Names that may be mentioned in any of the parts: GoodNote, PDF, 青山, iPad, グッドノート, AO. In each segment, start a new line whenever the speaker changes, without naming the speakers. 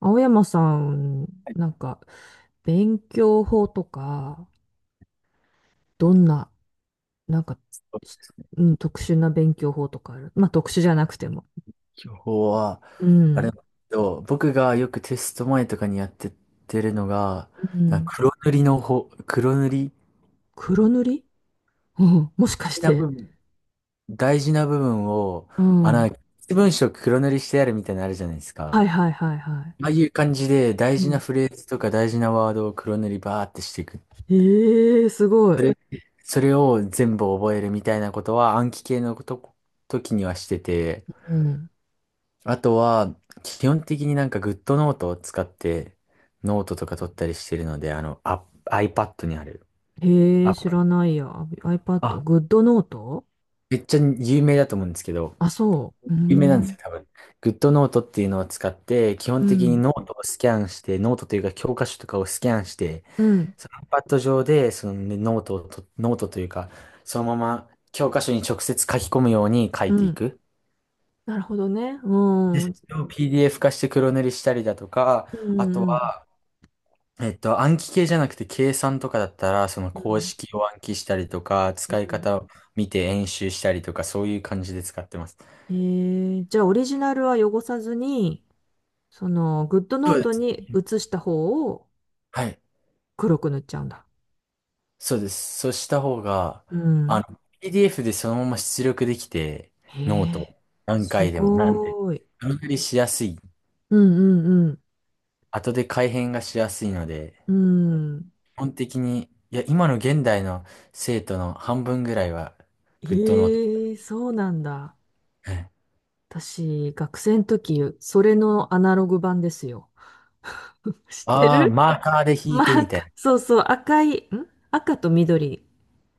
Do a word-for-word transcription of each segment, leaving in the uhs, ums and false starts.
青山さん、なんか、勉強法とか、どんな、なんか、
そう
し
ですね。
うん、特殊な勉強法とかある？まあ、特殊じゃなくても。
今日は、
う
あれ
ん。
なんですけど、僕がよくテスト前とかにやってってるのが、
う
なん
ん。
か黒塗りの方、黒塗り、
黒塗り。うん。もし
大
かし
事な部
て。
分、大事な部分を、
う
あ
ん。
の、
は
な一文章黒塗りしてやるみたいなのあるじゃないです
いは
か。
いはいはい。
ああいう感じで、大
う
事な
ん。
フレーズとか大事なワードを黒塗りバーってしていく。
ええー、すごい。
それ、それを全部覚えるみたいなことは暗記系のこと、時にはしてて、
うん。
あとは、基本的になんか GoodNote を使ってノートとか取ったりしてるので、あの、あ、iPad にある。
ええー、
あ、
知らないや。iPad、
あ、
グッドノート。
めっちゃ有名だと思うんですけど、
あ、そう。うー
有名なんです
ん。
よ、多分。GoodNote っていうのを使って、基
う
本的に
ん。
ノートをスキャンして、ノートというか教科書とかをスキャンして、
うん。
その iPad 上で、そのねノートをと、ノートというか、そのまま教科書に直接書き込むように書
う
いてい
ん。
く。
なるほどね。う
で、
ん。う
そ
ん
れを ピーディーエフ 化して黒塗りしたりだとか、
う
あと
ん。
は、えっと、暗記系じゃなくて計算とかだったら、その
う
公
ん。
式を暗記したりとか、
う
使い
ん。
方を見て演習したりとか、そういう感じで使ってます。
えー、じゃあオリジナルは汚さずに、そのグッドノ
そう
ー
で
ト
す。
に写した方を
はい。
黒く塗っちゃうんだ。
そうです。そうした方が、
う
あ
ん。
の、ピーディーエフ でそのまま出力できて、
へ
ノー
え、
ト、何
す
回でも、なんて、
ごーい。
段取りしやすい。
うんうん
後で改変がしやすいので、
うん。うん。
基本的に、いや、今の現代の生徒の半分ぐらいは、グッドノート。
へえ、そうなんだ。私、学生の時、それのアナログ版ですよ。知って
ああー、
る？
マーカーで引い
ま
て
あ、
みたい
赤
な。
そうそう、赤い、ん赤と緑。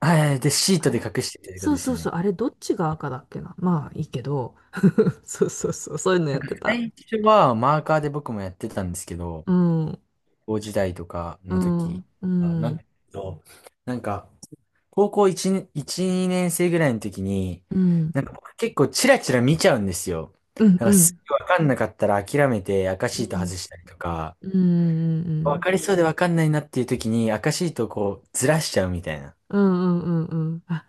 はい。で、シー
あ
トで
れ、
隠してるってこと
そう
です
そう
よ
そう、
ね。
あれどっちが赤だっけな。まあいいけど。そうそうそう、そういうのやってた。
最初はマーカーで僕もやってたんですけど、
うん、うん、
高校時代とか
う
の時、
ん、う
あなん
ん、
と、なんか、高校1年、いち、にねん生ぐらいの時に、
うん、
なんか僕結構チラチラ見ちゃうんですよ。
うん、
なん
う
か
ん、う
す
ん、
ぐわかんなかったら諦めて赤
う
シート
ん、
外したりとか、
う
わ
ん、
かりそうでわかんないなっていう時に赤シートをこうずらしちゃうみたいな。
うん、うん、あ、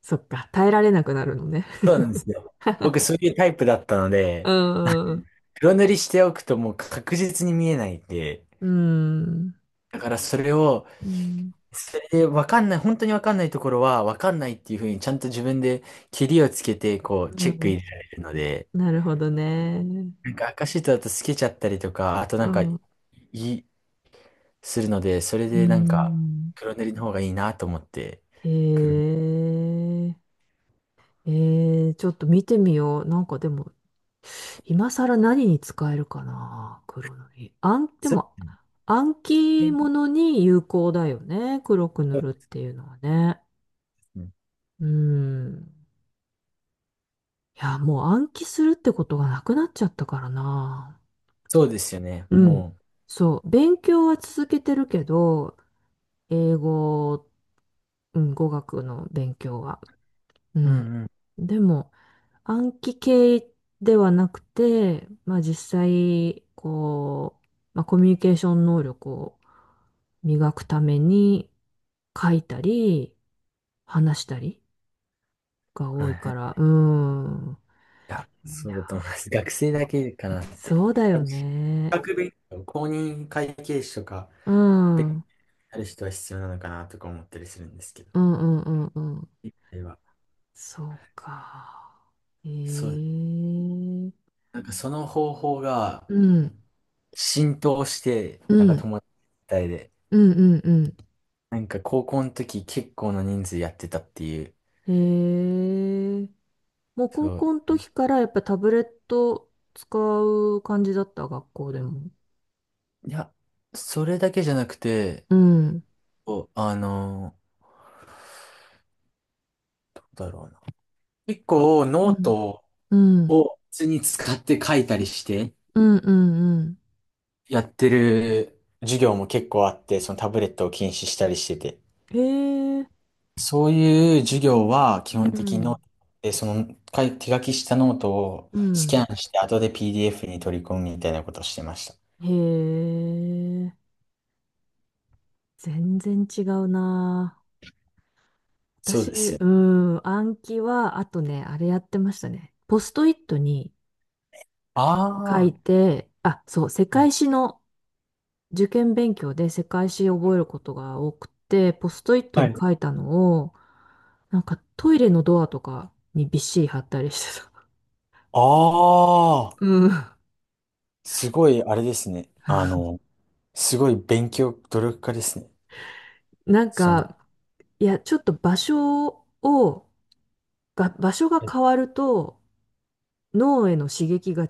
そっか、耐えられなくなるのね。
そうなんですよ。僕そういうタイプだったの
う
で、
ん、うん、
黒塗りしておくともう確実に見えないんで、
うん、
だからそれを、それで分かんない、本当に分かんないところは分かんないっていうふうにちゃんと自分でケリをつけて、こう、
う
チェック
ん、
入れられるので、
なるほどね。
なんか赤シートだと透けちゃったりとか、あと
う
なんか、い、
ん、
するので、それ
う
でなんか、
ん、
黒塗りの方がいいなと思って、
へ
黒塗り。
え、えー、ちょっと見てみよう。なんかでも、今更何に使えるかな、黒塗り。あ、で
そ
も、暗記物
そ
に有効だよね、黒く
う
塗
で
るっていうのはね。
すね。
うん。いや、もう暗記するってことがなくなっちゃったからな。
そうですよね。
うん。
も
そう、勉強は続けてるけど、英語、うん、語学の勉強は。う
う、うん
ん。
うん。
でも、暗記系ではなくて、まあ実際、こう、まあ、コミュニケーション能力を磨くために書いたり、話したりが
はい
多い
はい。
か
い
ら、うん。
や、
い
そうだと思
や、
います。学生だけかなって。
そうだ
あ
よ
と資
ね。
格勉強、公認会計士とか、
うん。うん
ある人は必要なのかなとか思ったりするんですけど、
うんうんうん。
一回は。
そうか。え
そう、
え、
なんかその方法が
うん。
浸透して、
う
なんか
ん。
友達みたいで、
うんうん
なんか高校の時結構な人数やってたっていう。
うん。ええ、もう高
そう。
校の時からやっぱタブレット使う感じだった、学校でも？
いや、それだけじゃなくて、
うん。
こうあの、どうだろうな。結構
う
ノー
ん。
ト
うん。
を普通に使って書いたりして
うんうんうん。
やってる授業も結構あって、そのタブレットを禁止したりしてて。
ええ、
そういう授業は基本
う
的にノー
ん。
トで、その書い手書きしたノートを
う
スキ
ん。
ャンして後で ピーディーエフ に取り込むみたいなことをしてました。
へえ。全然違うな。
そう
私、
ですよ。
うん。暗記は、あとね、あれやってましたね。ポストイットに書
あ
い
あ、
て、あ、そう、世
はい。
界史の受験勉強で世界史を覚えることが多くて、ポストイットに書いたのを、なんかトイレのドアとかにびっしり貼ったりしてた。
ああ、
うん。
すごいあれですね。あの、すごい勉強、努力家ですね。
なん
その、
か、いや、ちょっと場所を、が、場所が
え
変わると、脳への刺激が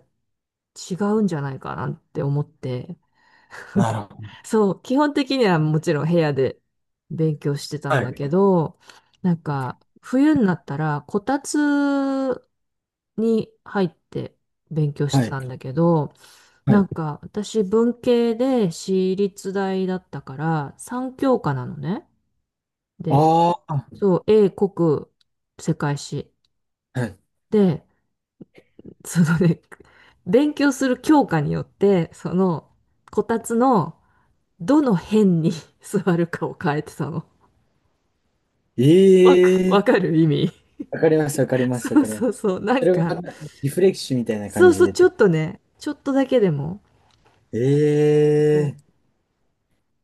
違うんじゃないかなって思って、
なるほど。
そう、基本的にはもちろん部屋で勉強してたん
は
だけ
い。
ど、なんか冬になったらこたつに入って勉強し
は
て
い。
たんだけど、
は
なん
い。
か私文系で私立大だったからさんきょうかなのね。で、
ああ、
そう、英国世界史。
はい。
で、そのね、勉強する教科によって、その、こたつのどの辺に 座るかを変えてたの。
え
わか、
え、
わかる意味？
わかります、わかり ます、わ
そう
かります。
そうそう。な
そ
ん
れが
か、
リフレッシュみたいな
そ
感
う
じ
そう、
で
ちょっ
て。
とね、ちょっとだけでも、
え
そう、
え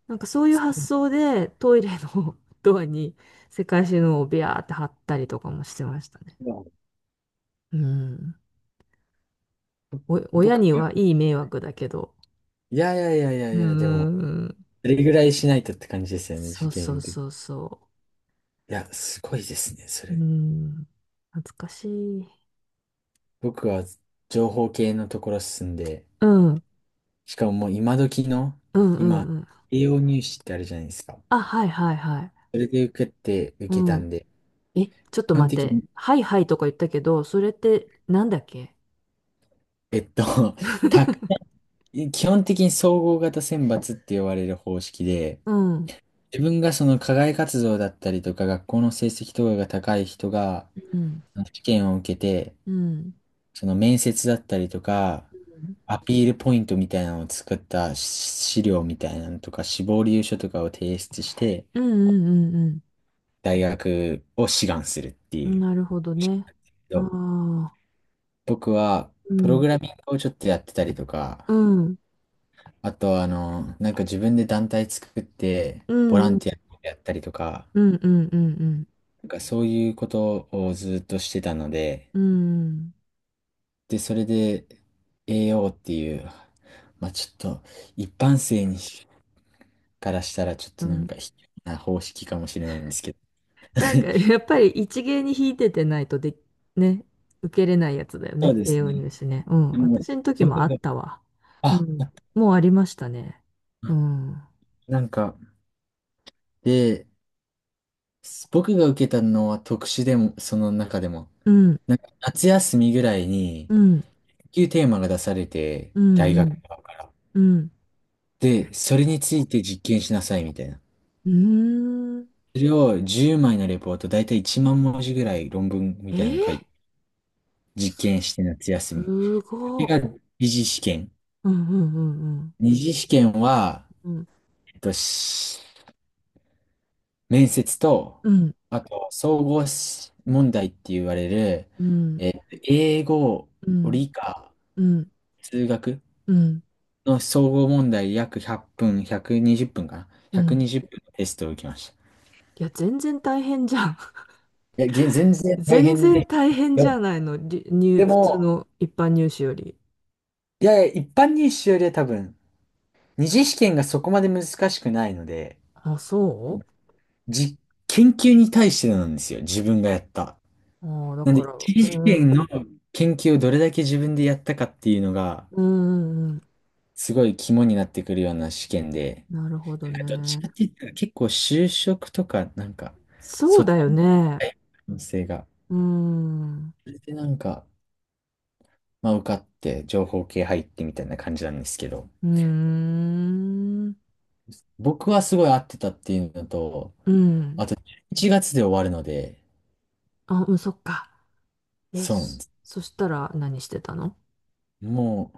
なんかそういう発想でトイレの ドアに世界中のをビャーって貼ったりとかもしてましたね。
まあ
うん。お、親
僕か
に
らっ
はいい迷
て
惑だけど。
いやいやいや
う
いやいや、でも、
ん。
あれぐらいしないとって感じですよね、受
そうそ
験
う
で。い
そうそ
や、すごいですね、そ
う。う
れ。
ん。懐かしい。
僕は情報系のところ進んで、
うん、うん、
しかももう今時の、
うん、う
今、
ん。
栄養入試ってあるじゃないですか。
あ、はい、はい、はい。
それで受けて、受
う
けた
ん。
んで、
え、ちょっと
基本
待っ
的
て。
に、
はい、はいとか言ったけど、それってなんだっけ？
えっと、たくさ ん基本的に総合型選抜って言われる方式で、
うん、
自分がその課外活動だったりとか、学校の成績とかが高い人が、
うん、
試験を受けて、
うん。
その面接だったりとか、アピールポイントみたいなのを作った資料みたいなのとか、志望理由書とかを提出して、
うん、うん、うん、
大学を志願するって
う
い
ん。
う
なるほど
式
ね。
なんだけ
あ
ど。そ
あ、
僕は、
う
プロ
ん、
グラミングをちょっとやってたりとか、
うん、
あと、あの、なんか自分で団体作って、
う
ボラ
ん、う
ン
ん、
ティアやったりとか、
うん、うん、うん、
なんかそういうことをずっとしてたので、
うん、うん、
で、それで、エーオー っていう、まあちょっと、一般性にからしたらちょっ
う
となんか
ん、
卑怯な方式かもしれないんですけど。
なんか、やっぱり一芸に引いててないとで、ね、受けれないやつだよ
そう
ね。
で
栄
す
養
ね。
入試ね。うん。
でも、
私の時も
僕
あっ
が、
たわ。う
あ、
ん。もうありましたね。うん。
なんか、で、僕が受けたのは特殊でも、その中でも、
うん。
なんか夏休みぐらいに、
うん。
研究テーマが出されて、
う
大
ん。う
学
ん。
側から。
うん。
で、それについて実験しなさいみたいな。
うーん。
それをじゅうまいのレポート、だいたいいちまん文字ぐらい論文み
え
たい
ー、
なの書いて、実験して夏休み。
す
そ
ご
れ
っ。
が二次試験。
うんうんうん
二次試験は、
うん。
えっと、面接と、
うん
あと、総合し問題って言われる、
うん
えー英語、
うん
理科、
うん
数学
うん
の総合問題約ひゃっぷん、ひゃくにじゅっぷんかな？
うん。
ひゃくにじゅう 分のテストを受けました。
いや、全然大変じゃん。
いや、げ全 然大
全
変
然
で、
大変
で
じゃ
も、
ないの？り入、
で
普通
も
の一般入試より。
いやいや、一般入試よりは多分、二次試験がそこまで難しくないので、
あ、そう。
じ、研究に対してなんですよ、自分がやった。
ああ、だ
なんで、
から、
一次試
う
験
ん、
の研究をどれだけ自分でやったかっていうのが、
うん、うん、
すごい肝になってくるような試験で、
なるほど
なんかどっちかっ
ね。
て言ったら結構就職とか、なんか、
そ
そ
う
っ
だよ
ちの
ね。
可能性が。
うん、う
それでなんか、まあ受かって情報系入ってみたいな感じなんですけど、
ーん、
僕はすごい合ってたっていうのと、
うん。
いちがつで終わるので、
あ、うん、そっか。え、
そうなん
そ、
です。
そしたら何してたの？
も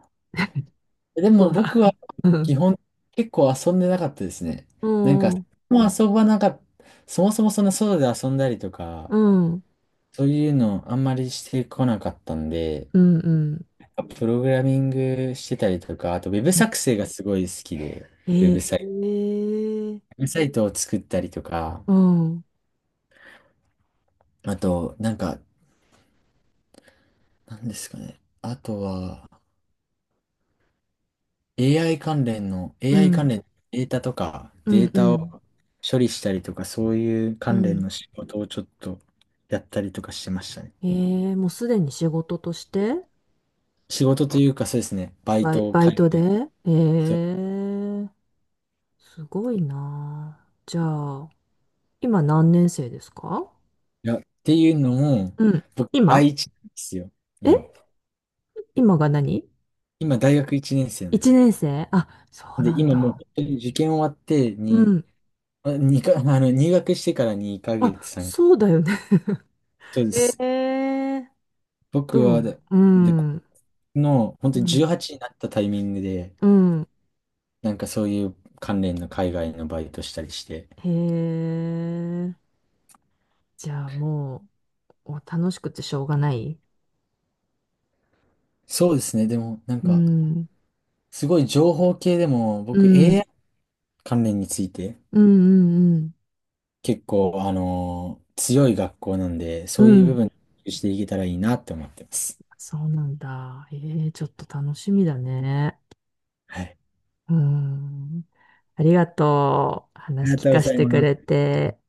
う、で
そ
も
うだ。
僕は 基本結構遊んでなかったですね。
う
なんか、
ん、うん、
もう遊ばなかった、そもそもそんな外で遊んだりとか、
うん、
そういうのあんまりしてこなかったんで、
うん、
プログラミングしてたりとか、あとウェブ
うん。
作成がすごい好きで、ウェブサイト、
ええ、
ウェブサイトを作ったりとか、
うん、うん、
あと、なんか、なんですかね。あとは、AI 関連の、
う
エーアイ
ん、
関連のデータとか、
う
データ
ん、
を処理したりとか、そういう
う
関連
ん。
の仕事をちょっとやったりとかしてましたね。
ええ、もうすでに仕事として？
仕事というか、そうですね、バイ
バイ、
トを
バ
書
イ
い
トで、
て、
え
そう、
え、すごいなあ。じゃあ、今何年生ですか？
いや、っていうのも、
うん。
僕、第
今？
一なんですよ、今。
え今が何？
今、大学一年生なんです
一
よ。
年生？あ、そう
で、
なん
今もう本
だ。
当に受験終わって
う
に、
ん。
あにか、あの、入学してからにかげつ、
あ、
3、
そうだよね。
そう で
え
す。
え、
僕
ど
は
う、
で、
う
でこ
ん。う
の、本当に
ん。
じゅうはちになったタイミングで、
うん。
なんかそういう関連の海外のバイトしたりして。
へえ。じゃあもう、お楽しくてしょうがない？
そうですね。でも、なん
う
か、
ん。
すごい情報系でも、
う
僕
ん。
エーアイ 関連について、
うんうんうん。
結構、あのー強い学校なんで、
う
そういう部
ん。
分していけたらいいなって思ってます。
そうなんだ。ええ、ちょっと楽しみだね。
はい。
うん。ありがとう。
あり
話
が
聞
とうご
かせ
ざい
てく
ま
れ
す。
て。